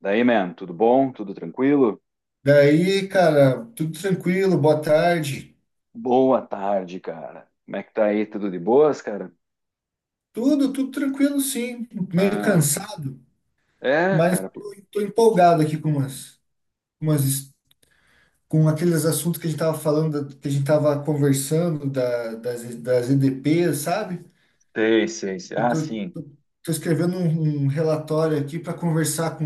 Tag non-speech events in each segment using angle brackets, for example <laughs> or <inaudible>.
Daí, man, tudo bom? Tudo tranquilo? Daí, cara, tudo tranquilo, boa tarde. Boa tarde, cara. Como é que tá aí? Tudo de boas, cara? Tudo tranquilo, sim. Meio Ah, cansado, é, mas cara. Pô. tô empolgado aqui com umas com aqueles assuntos que a gente tava falando, que a gente tava conversando das EDPs, sabe? Sei, sei, sei. Eu Ah, sim. tô, tô escrevendo um relatório aqui para conversar com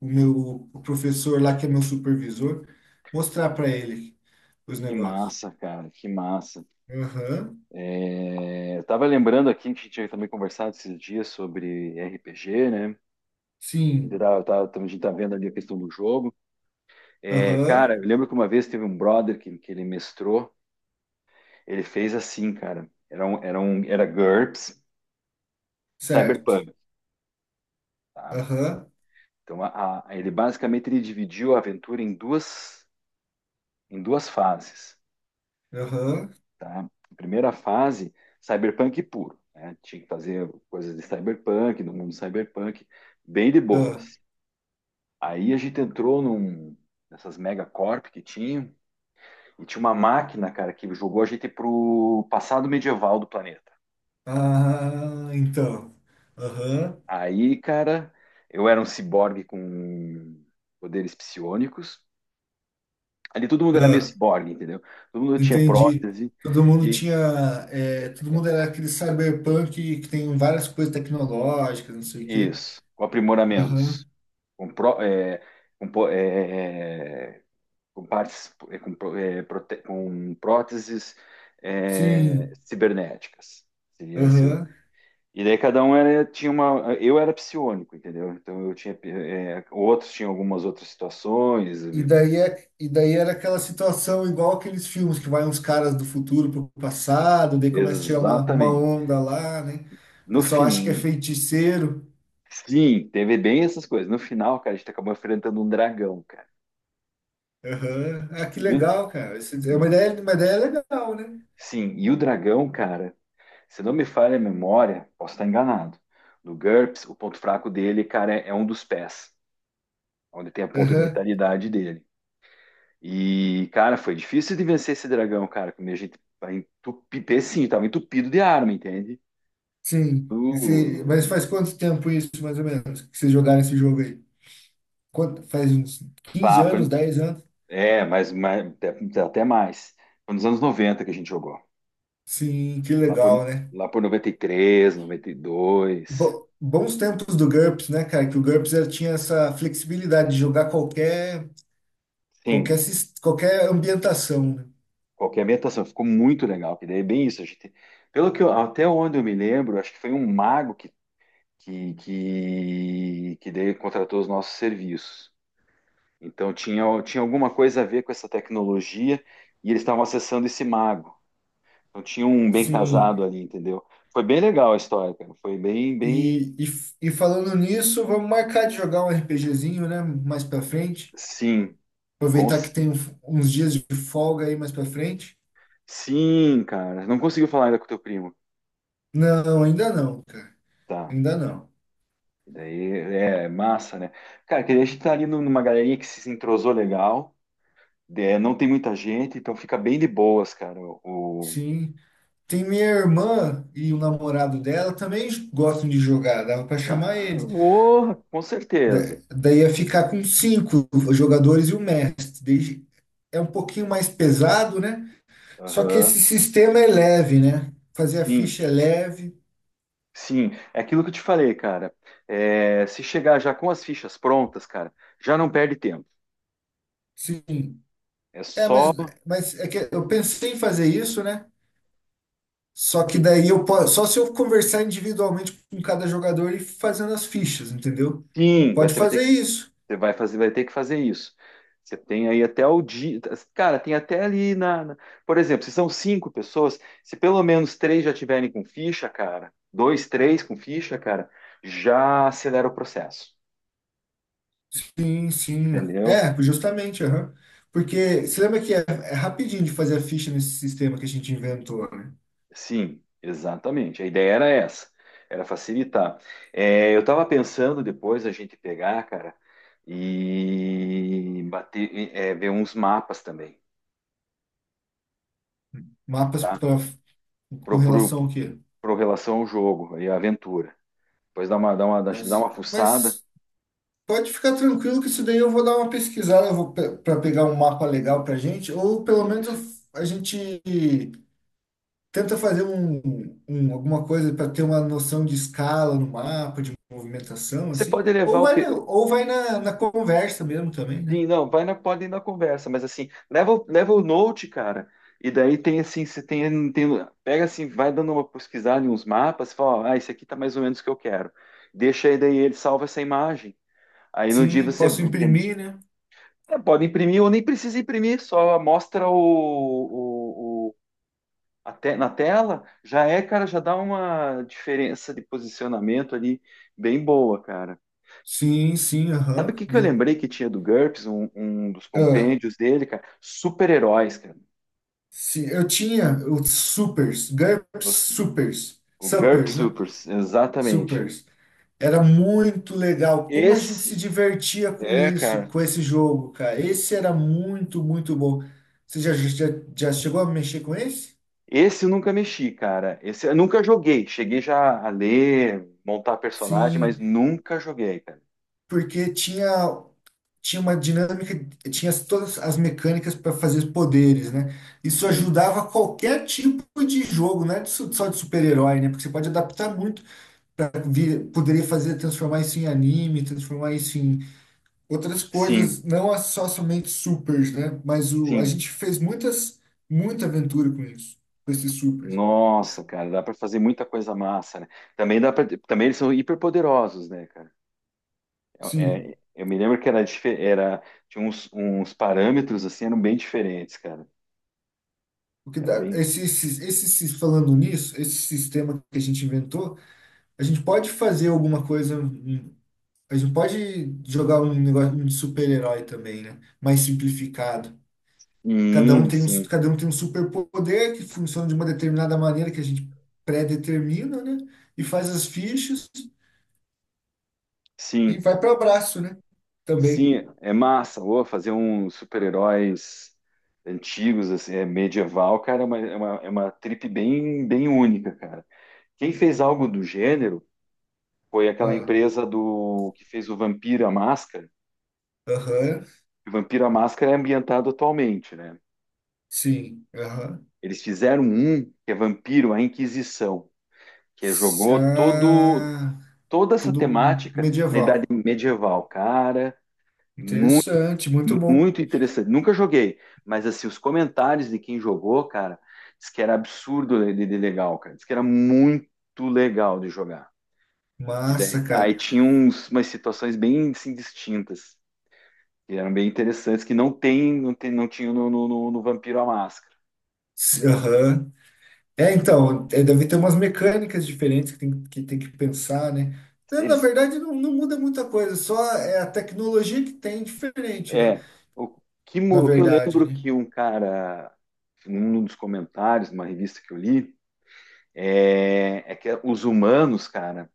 o meu o professor lá, que é meu supervisor, mostrar para ele os Que negócios. massa, cara. Que massa. Aham, É, eu tava lembrando aqui que a gente tinha também conversado esses dias sobre RPG, né? A gente sim, tá, tá- a gente tá vendo ali a questão do jogo. É, aham, cara, eu lembro que uma vez teve um brother que ele mestrou. Ele fez assim, cara. Era GURPS, certo. Cyberpunk. Tá? Aham, Então, ele basicamente ele dividiu a aventura em duas fases, aham, tá? A primeira fase, cyberpunk puro, né? Tinha que fazer coisas de cyberpunk, do mundo cyberpunk, bem de ah, boas. Aí a gente entrou num, Nessas megacorp que tinha, e tinha uma máquina, cara, que jogou a gente pro passado medieval do planeta. ah, então, aham, Aí, cara, eu era um ciborgue com poderes psionicos. Ali todo mundo era meio ah, ciborgue, entendeu? Todo mundo tinha entendi. prótese Todo mundo e tinha, todo mundo era aquele cyberpunk que tem várias coisas tecnológicas, não sei o quê. isso, com Aham, aprimoramentos, com, pró- é, com, po- é, é, com partes, é, com, pró- é, prote- com próteses é, sim, cibernéticas. Seria esse o- aham. E daí cada um era, tinha uma. Eu era psiônico, entendeu? Então eu tinha. É, outros tinham algumas outras situações. E daí era aquela situação igual aqueles filmes que vai uns caras do futuro pro passado, daí começa a tirar uma Exatamente. onda lá, né? O No pessoal acha que é fim, feiticeiro. sim, teve bem essas coisas. No final, cara, a gente acabou enfrentando um dragão, cara. Aham, ah, que E o, legal, cara. É uma ideia legal, né? sim, e o dragão, cara, se não me falha a memória, posso estar enganado. No GURPS, o ponto fraco dele, cara, é um dos pés, onde tem a ponta de Aham, vitalidade dele. E, cara, foi difícil de vencer esse dragão, cara, que a gente vai entupir, sim, tava entupido de arma, entende? sim. Mas Uh, faz quanto tempo isso, mais ou menos, que vocês jogaram esse jogo aí? Quanto, faz uns 15 Pá, anos, foi, 10 anos? é, mas até, até mais. Foi nos anos 90 que a gente jogou. Sim, que Lá por, legal, né? lá por 90, 93, 92. Bons tempos do GURPS, né, cara? Que o GURPS ele tinha essa flexibilidade de jogar qualquer, qualquer, Sim, sis- qualquer ambientação, né? qualquer ambientação, ficou muito legal, que daí é bem isso. A gente, pelo que eu- até onde eu me lembro, acho que foi um mago que, que daí contratou os nossos serviços. Então tinha, tinha alguma coisa a ver com essa tecnologia e eles estavam acessando esse mago. Então tinha um bem Sim. casado ali, entendeu? Foi bem legal a história, cara. Foi bem, bem. E falando nisso, vamos marcar de jogar um RPGzinho, né? Mais pra frente. Sim, Aproveitar que cons- tem uns dias de folga aí mais pra frente. sim, cara. Não conseguiu falar ainda com o teu primo. Não, ainda não, cara. Tá. Ainda não. E daí é massa, né? Cara, que daí a gente tá numa galerinha que se entrosou legal. É, não tem muita gente, então fica bem de boas, cara. O, Sim. Tem minha irmã e o namorado dela também gostam de jogar, dava para chamar ah, eles. Com Da- certeza. Daí ia ficar com cinco jogadores e o mestre. Daí é um pouquinho mais pesado, né? Só que Aham. esse sistema é leve, né? Fazer a Sim, ficha é leve. sim. É aquilo que eu te falei, cara. É, se chegar já com as fichas prontas, cara, já não perde tempo. Sim. É É, só. mas é que eu pensei em fazer isso, né? Só que daí eu posso, só se eu conversar individualmente com cada jogador e fazendo as fichas, entendeu? Sim, Pode você vai ter fazer que, isso. você vai fazer, vai ter que fazer isso. Você tem aí até o dia. Cara, tem até ali por exemplo, se são cinco pessoas, se pelo menos três já tiverem com ficha, cara, dois, três com ficha, cara, já acelera o processo. Sim, sim. Entendeu? É, justamente, aham. Porque você lembra que é rapidinho de fazer a ficha nesse sistema que a gente inventou, né? Sim, exatamente. A ideia era essa, era facilitar. É, eu estava pensando depois a gente pegar, cara, e bater, e, é, ver uns mapas também, Mapas tá? pra, com Pro, pro, relação ao quê? pro relação ao jogo e à aventura. Depois dá uma, dá uma, dá uma Mas, fuçada. mas pode ficar tranquilo que isso daí eu vou dar uma pesquisada, eu vou pra pegar um mapa legal pra gente, ou pelo menos Isso. A gente tenta fazer alguma coisa para ter uma noção de escala no mapa, de movimentação, Você assim, pode levar ou o, vai na, ou vai na, na conversa mesmo também, né? sim, não, vai na, pode ir na conversa, mas assim, leva, leva o note, cara, e daí tem assim, você tem, tem, pega assim, vai dando uma pesquisada em uns mapas, fala, ó, ah, esse aqui tá mais ou menos o que eu quero. Deixa aí, daí ele salva essa imagem. Aí no dia Sim, você posso entende? imprimir, né? É, pode imprimir ou nem precisa imprimir, só mostra na tela, já é, cara, já dá uma diferença de posicionamento ali bem boa, cara. Sim, sim, Sabe o aham. que que eu lembrei que tinha do GURPS, um dos Ah, compêndios dele, cara? Super-heróis, cara. sim, eu tinha os supers, GURPS Os- supers, O GURPS suppers, né? Super, exatamente. Supers. Era muito legal. Como a gente se Esse, divertia com é, isso, cara. com esse jogo, cara. Esse era muito, muito bom. Você já chegou a mexer com esse? Esse eu nunca mexi, cara. Esse eu nunca joguei. Cheguei já a ler, montar personagem, mas Sim, nunca joguei, cara. porque tinha uma dinâmica, tinha todas as mecânicas para fazer os poderes, né? Isso Sim, ajudava qualquer tipo de jogo, não é só de super-herói, né? Porque você pode adaptar muito para poderia fazer transformar isso em anime, transformar isso em outras sim, coisas, não a- só somente supers, né? A sim. gente fez muita aventura com isso, com esses supers. Nossa, cara, dá pra fazer muita coisa massa, né? Também dá para, também eles são hiperpoderosos, né, cara? É, Sim. é, eu me lembro que era, era tinha uns, uns parâmetros assim, eram bem diferentes, cara. O que Era dá, bem. esse, sis- falando nisso, esse sistema que a gente inventou, a gente pode fazer alguma coisa. A gente não pode jogar um negócio um de super-herói também, né? Mais simplificado. Cada um tem um, Sim, cada um tem um superpoder que funciona de uma determinada maneira que a gente pré-determina, né? E faz as fichas e sim, vai para abraço, né? Também. sim, é massa. Ô, fazer uns super-heróis antigos, assim, é medieval, cara, é uma trip bem, bem única, cara. Quem fez algo do gênero foi aquela Ah, empresa do que fez o Vampiro à Máscara. aham, O Vampiro à Máscara é ambientado atualmente, né? sim, aham. Eles fizeram um que é Vampiro à Inquisição, que jogou todo Ah, toda essa tudo temática na Idade medieval. Medieval, cara, Interessante, muito bom. muito interessante. Nunca joguei, mas assim, os comentários de quem jogou, cara, diz que era absurdo de legal, cara. Diz que era muito legal de jogar. Massa, Aí cara. tinha uns, umas situações bem assim, distintas, que eram bem interessantes, que não tem, não tinha no Vampiro à Máscara. Aham. É, então, é, deve ter umas mecânicas diferentes que tem que, tem que pensar, né? Na Eles, verdade, não, não muda muita coisa, só é a tecnologia que tem diferente, né? é, o Na o que eu verdade, lembro né? que um cara, num dos comentários, numa revista que eu li, é que os humanos, cara,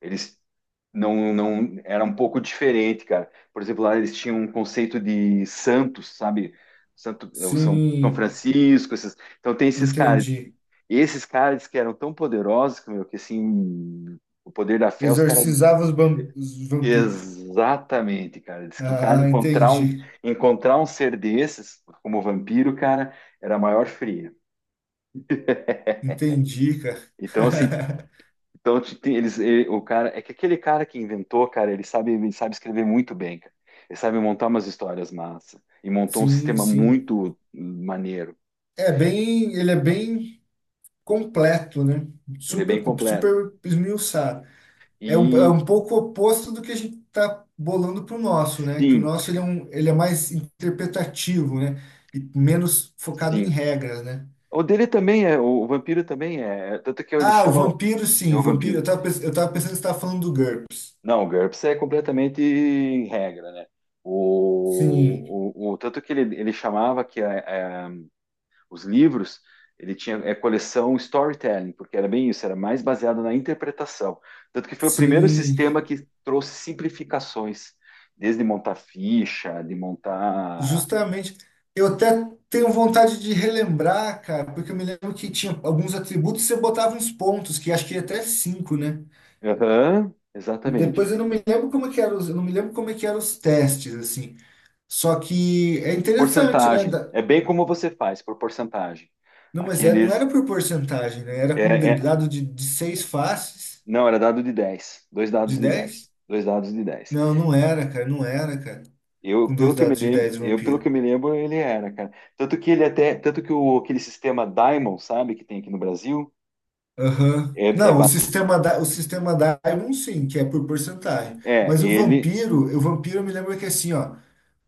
eles não, não era um pouco diferente, cara. Por exemplo, lá eles tinham um conceito de santos, sabe? Santo, é, o São, São Sim, Francisco, esses, então tem esses caras. entendi. Esses caras que eram tão poderosos, meu, que assim, o poder da fé, os caras Exorcizava os vampiros. exatamente, cara, diz que cara Ah, entendi. encontrar um ser desses como vampiro, cara, era a maior fria. Entendi, cara. Então assim, <laughs> então, eles, o cara, é que aquele cara que inventou, cara, ele sabe escrever muito bem, cara. Ele sabe montar umas histórias massa e montou um Sim, sistema sim. muito maneiro. Ele é bem completo, né? Ele é Super, bem completo. super esmiuçado. É um, é E um pouco oposto do que a gente está bolando para o nosso, né? Que o sim, nosso ele é mais interpretativo, né? E menos focado em sim. regras, né? O dele também é, o, vampiro também é, é, tanto que ele Ah, o chama vampiro, é sim, o o vampiro. Eu vampiro. estava eu tava pensando que você estava falando do GURPS. Não, o GURPS é completamente regra, né? Sim, Tanto que ele chamava que a, os livros, ele tinha é coleção storytelling, porque era bem isso, era mais baseado na interpretação. Tanto que foi o primeiro sim, sistema que trouxe simplificações, desde montar ficha, de montar. justamente. Eu até tenho vontade de relembrar, cara, porque eu me lembro que tinha alguns atributos que você botava uns pontos, que acho que ia até cinco, né? Aham, E exatamente. depois eu não me lembro como é que eram os, eu não me lembro como é que eram os testes, assim. Só que é interessante, né? Porcentagem. É bem como você faz, por porcentagem. Não, mas é, não era Aqueles. por porcentagem, né? Era É, com de- é... dado de, de seis faces, Não, era dado de 10. Dois dados de de 10. 10. Dois dados de dez. Não, não era, cara, não era, cara. Eu, Com pelo dois que eu me dados de lembro, 10 eu, pelo que vampiro. eu me lembro, ele era, cara. Tanto que ele até, tanto que o, aquele sistema Diamond, sabe, que tem aqui no Brasil, Aham. é, é, Não, o ba- sistema da, o sistema Diamond sim, que é por porcentagem. Mas ele. O vampiro eu me lembro que assim, ó,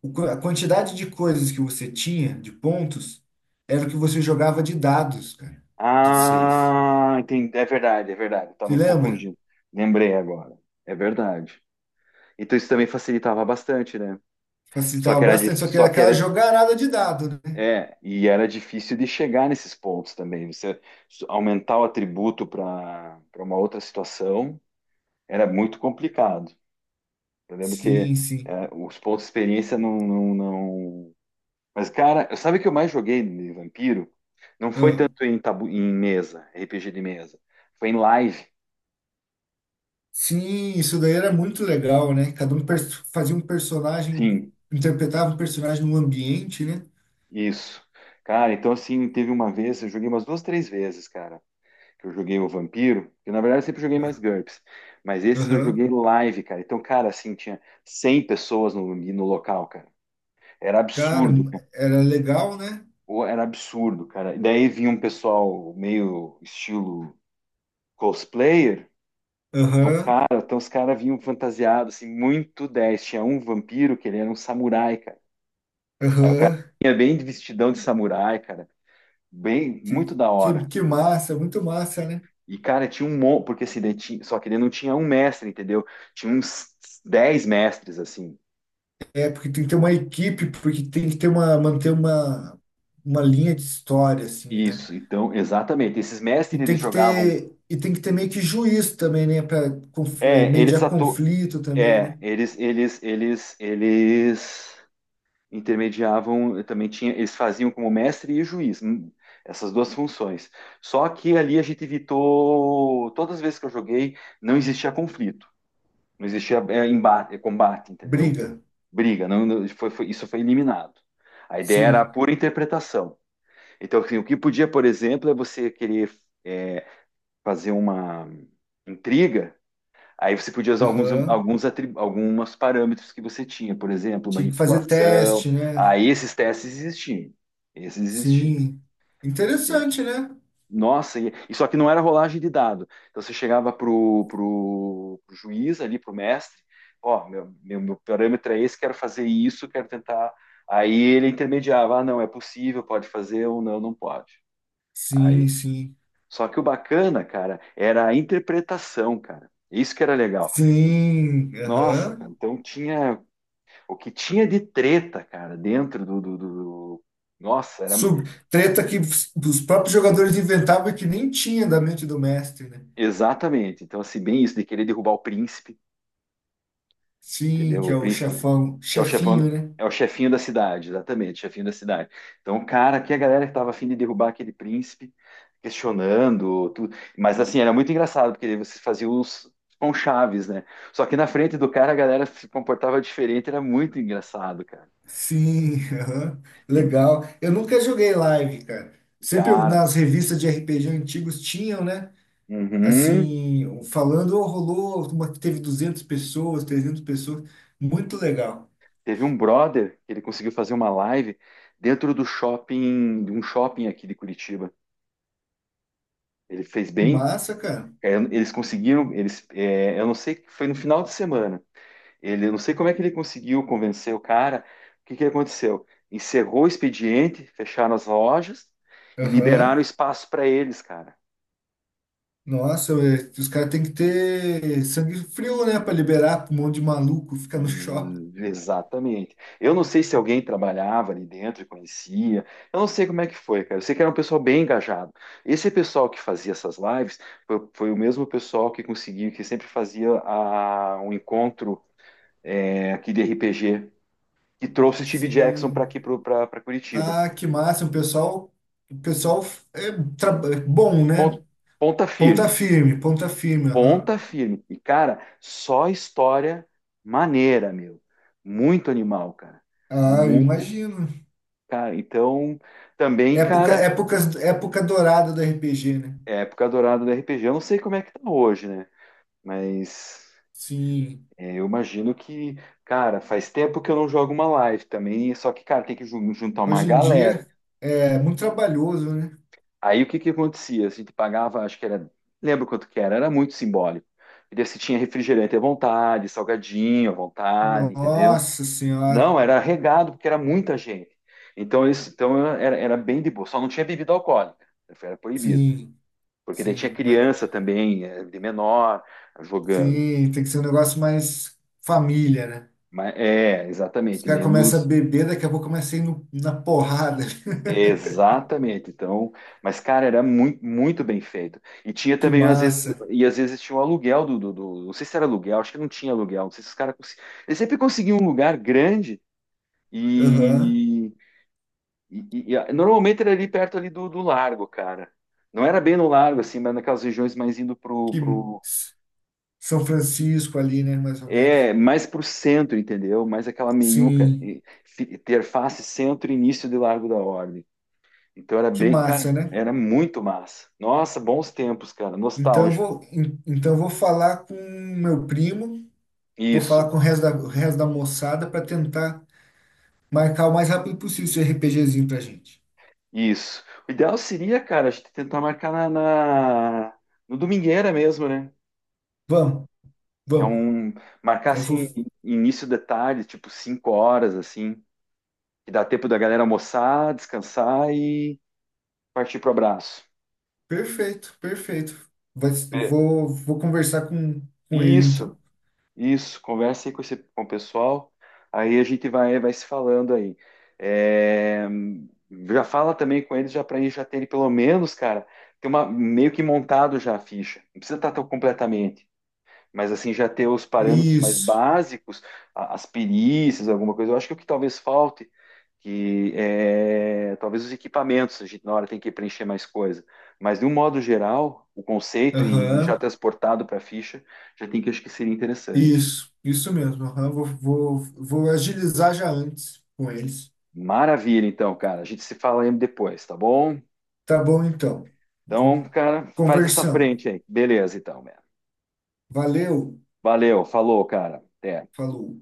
a quantidade de coisas que você tinha, de pontos, era o que você jogava de dados, cara, de seis. Ah, entendi, é verdade, é verdade. Estava Se me lembra? confundindo. Lembrei agora. É verdade. Então isso também facilitava bastante, né? Só Facilitava que era, bastante, só que era só que aquela era, jogarada de dado, né? é, e era difícil de chegar nesses pontos também. Você aumentar o atributo para para uma outra situação era muito complicado. Eu lembro que Sim, sim. é, os pontos de experiência mas, cara, sabe o que eu mais joguei de vampiro? Não foi Ah, tanto em, tabu... em mesa, RPG de mesa. Foi em live, sim, isso daí era muito legal, né? Cada um fazia um personagem, sim, interpretava um personagem no ambiente, né? isso. Cara, então, assim, teve uma vez, eu joguei umas duas, três vezes, cara, que eu joguei o vampiro, que na verdade eu sempre joguei mais Ah, GURPS, mas esses eu aham. joguei live, cara. Então, cara, assim, tinha 100 pessoas no local, cara. Era Cara, absurdo, cara. era legal, né? Pô, era absurdo, cara. E daí vinha um pessoal meio estilo cosplayer. Então, Aham, cara, então os caras vinham fantasiados, assim, muito 10. Tinha um vampiro que ele era um samurai, cara. aham. Tinha bem de vestidão de samurai, cara. Bem, muito Que, da que, hora. que massa, muito massa, né? E, cara, tinha um monte, porque assim, só que ele não tinha um mestre, entendeu? Tinha uns 10 mestres, assim. É, porque tem que ter uma equipe, porque tem que manter uma linha de história, assim, né? Isso, então, exatamente. Esses E mestres, tem eles que jogavam. ter, e tem que ter meio que juízo também, né? Para É, eles mediar atu... conflito também, É, né? eles intermediavam, eh, também tinha, eles faziam como mestre e juiz, essas duas funções. Só que ali a gente evitou, todas as vezes que eu joguei, não existia conflito, não existia é, embate, eh, combate, entendeu? Briga. Briga, não, isso foi eliminado. A ideia era a Sim. pura interpretação. Então, assim, o que podia, por exemplo, é você querer é, fazer uma intriga. Aí você podia usar alguns, Aham. Algumas parâmetros que você tinha, por exemplo, Tinha que fazer manipulação. teste, né? Aí esses testes existiam. Esses existiam. Sim. Entende? Interessante, né? Nossa, e só que não era rolagem de dado. Então você chegava pro juiz ali, pro mestre, ó, meu parâmetro é esse, quero fazer isso, quero tentar. Aí ele intermediava, ah, não, é possível, pode fazer ou não, não pode. Aí, Sim, sim. só que o bacana, cara, era a interpretação, cara. Isso que era legal. Sim. Nossa, cara, Aham. então tinha o que tinha de treta, cara, dentro nossa, era. Sub, Treta que os próprios jogadores inventavam e que nem tinha da mente do mestre, né? Exatamente. Então, assim, bem isso, de querer derrubar o príncipe, Sim, entendeu? que O é o príncipe, chefão, que é o chefão, chefinho, né? é o chefinho da cidade, exatamente, chefinho da cidade. Então, cara, que a galera que tava afim de derrubar aquele príncipe, questionando, tudo. Mas, assim, era muito engraçado, porque vocês faziam uns. Com chaves, né? Só que na frente do cara a galera se comportava diferente, era muito engraçado, cara. Sim, <laughs> aham. E, Legal. Eu nunca joguei live, cara. Sempre eu- cara, nas revistas de RPG antigos tinham, né? uhum. Assim, falando, "Oh, rolou uma que teve 200 pessoas, 300 pessoas. Muito legal. Teve um brother que ele conseguiu fazer uma live dentro do shopping, de um shopping aqui de Curitiba. Ele fez Que bem, massa, cara. é, eles conseguiram, eles, é, eu não sei, foi no final de semana. Ele, eu não sei como é que ele conseguiu convencer o cara. O que que aconteceu? Encerrou o expediente, fecharam as lojas e liberaram Aham. espaço para eles, cara. Nossa, ué, os caras têm que ter sangue frio, né? Pra liberar um monte de maluco, ficar no <laughs> shopping. Exatamente. Eu não sei se alguém trabalhava ali dentro e conhecia. Eu não sei como é que foi, cara. Eu sei que era um pessoal bem engajado. Esse pessoal que fazia essas lives foi, foi o mesmo pessoal que conseguiu, que sempre fazia a, um encontro aqui de RPG, que trouxe o Steve Jackson para Sim. aqui, para Curitiba. Ah, que massa. O pessoal, o pessoal é, tra- é bom, né? Pon- Ponta firme, Ponta firme, aham. ponta firme. E, cara, só história maneira, meu. Muito animal, cara. Ah, eu Muito, imagino. cara. Então. Também, Época, cara, época, época dourada do RPG, né? é a época dourada do RPG. Eu não sei como é que tá hoje, né? Mas Sim. é, eu imagino que, cara, faz tempo que eu não jogo uma live também, só que, cara, tem que juntar uma Hoje em galera. dia é muito trabalhoso, né? Aí o que que acontecia? A gente pagava, acho que era, lembro quanto que era, era muito simbólico. E daí você tinha refrigerante à vontade, salgadinho à vontade, entendeu? Nossa Não, Senhora. era regado, porque era muita gente. Então, isso, então era, era bem de boa, só não tinha bebida alcoólica, era proibido. Sim, Porque daí tinha sim. Criança também, de menor, jogando. Sim, tem que ser um negócio mais família, né? Mas, é, Os exatamente, caras começam a menos. beber, daqui a pouco começa a ir na porrada. <laughs> Exatamente. Então, mas, cara, era muito, muito bem feito. E tinha Que também, às vezes, massa. e às vezes tinha o aluguel não sei se era aluguel, acho que não tinha aluguel. Não sei se os caras. Cons... Eles sempre conseguiam um lugar grande Aham. e, normalmente era ali perto ali do, do largo, cara. Não era bem no largo, assim, mas naquelas regiões mais indo pro, Que pro... São Francisco ali, né? Mais ou menos. É, mais pro centro, entendeu? Mais aquela meiuca, Sim. Interface centro-início de Largo da Ordem. Então era Que bem, cara, massa, né? era muito massa. Nossa, bons tempos, cara, Então eu nostálgico. vou, en- então eu vou falar com meu primo. Vou falar Isso, com o resto da moçada para tentar marcar o mais rápido possível esse RPGzinho pra gente. isso. O ideal seria, cara, a gente tentar marcar no domingueira mesmo, né? Vamos, Que é vamos. um marcar Eu vou. assim início de tarde, tipo 5 horas assim, que dá tempo da galera almoçar, descansar e partir pro abraço. Perfeito, perfeito. Vai, s- eu vou, vou conversar com ele então. Isso. Isso, conversa aí com, esse, com o pessoal. Aí a gente vai, vai se falando aí. É, já fala também com eles já para gente já terem pelo menos, cara, ter uma meio que montado já a ficha. Não precisa estar tão completamente, mas assim já ter os parâmetros mais Isso. básicos, as perícias, alguma coisa. Eu acho que o que talvez falte que é, talvez os equipamentos a gente na hora tem que preencher mais coisa, mas de um modo geral, o conceito e já Aham. transportado para a ficha já tem que acho que seria interessante. Isso. Isso mesmo. Aham. Vou agilizar já antes com eles. Maravilha, então, cara. A gente se fala aí depois, tá bom? Tá bom então. Então, Vou cara, faz essa conversando. frente aí. Beleza, então, man. Valeu. Valeu, falou, cara. Até. Falou.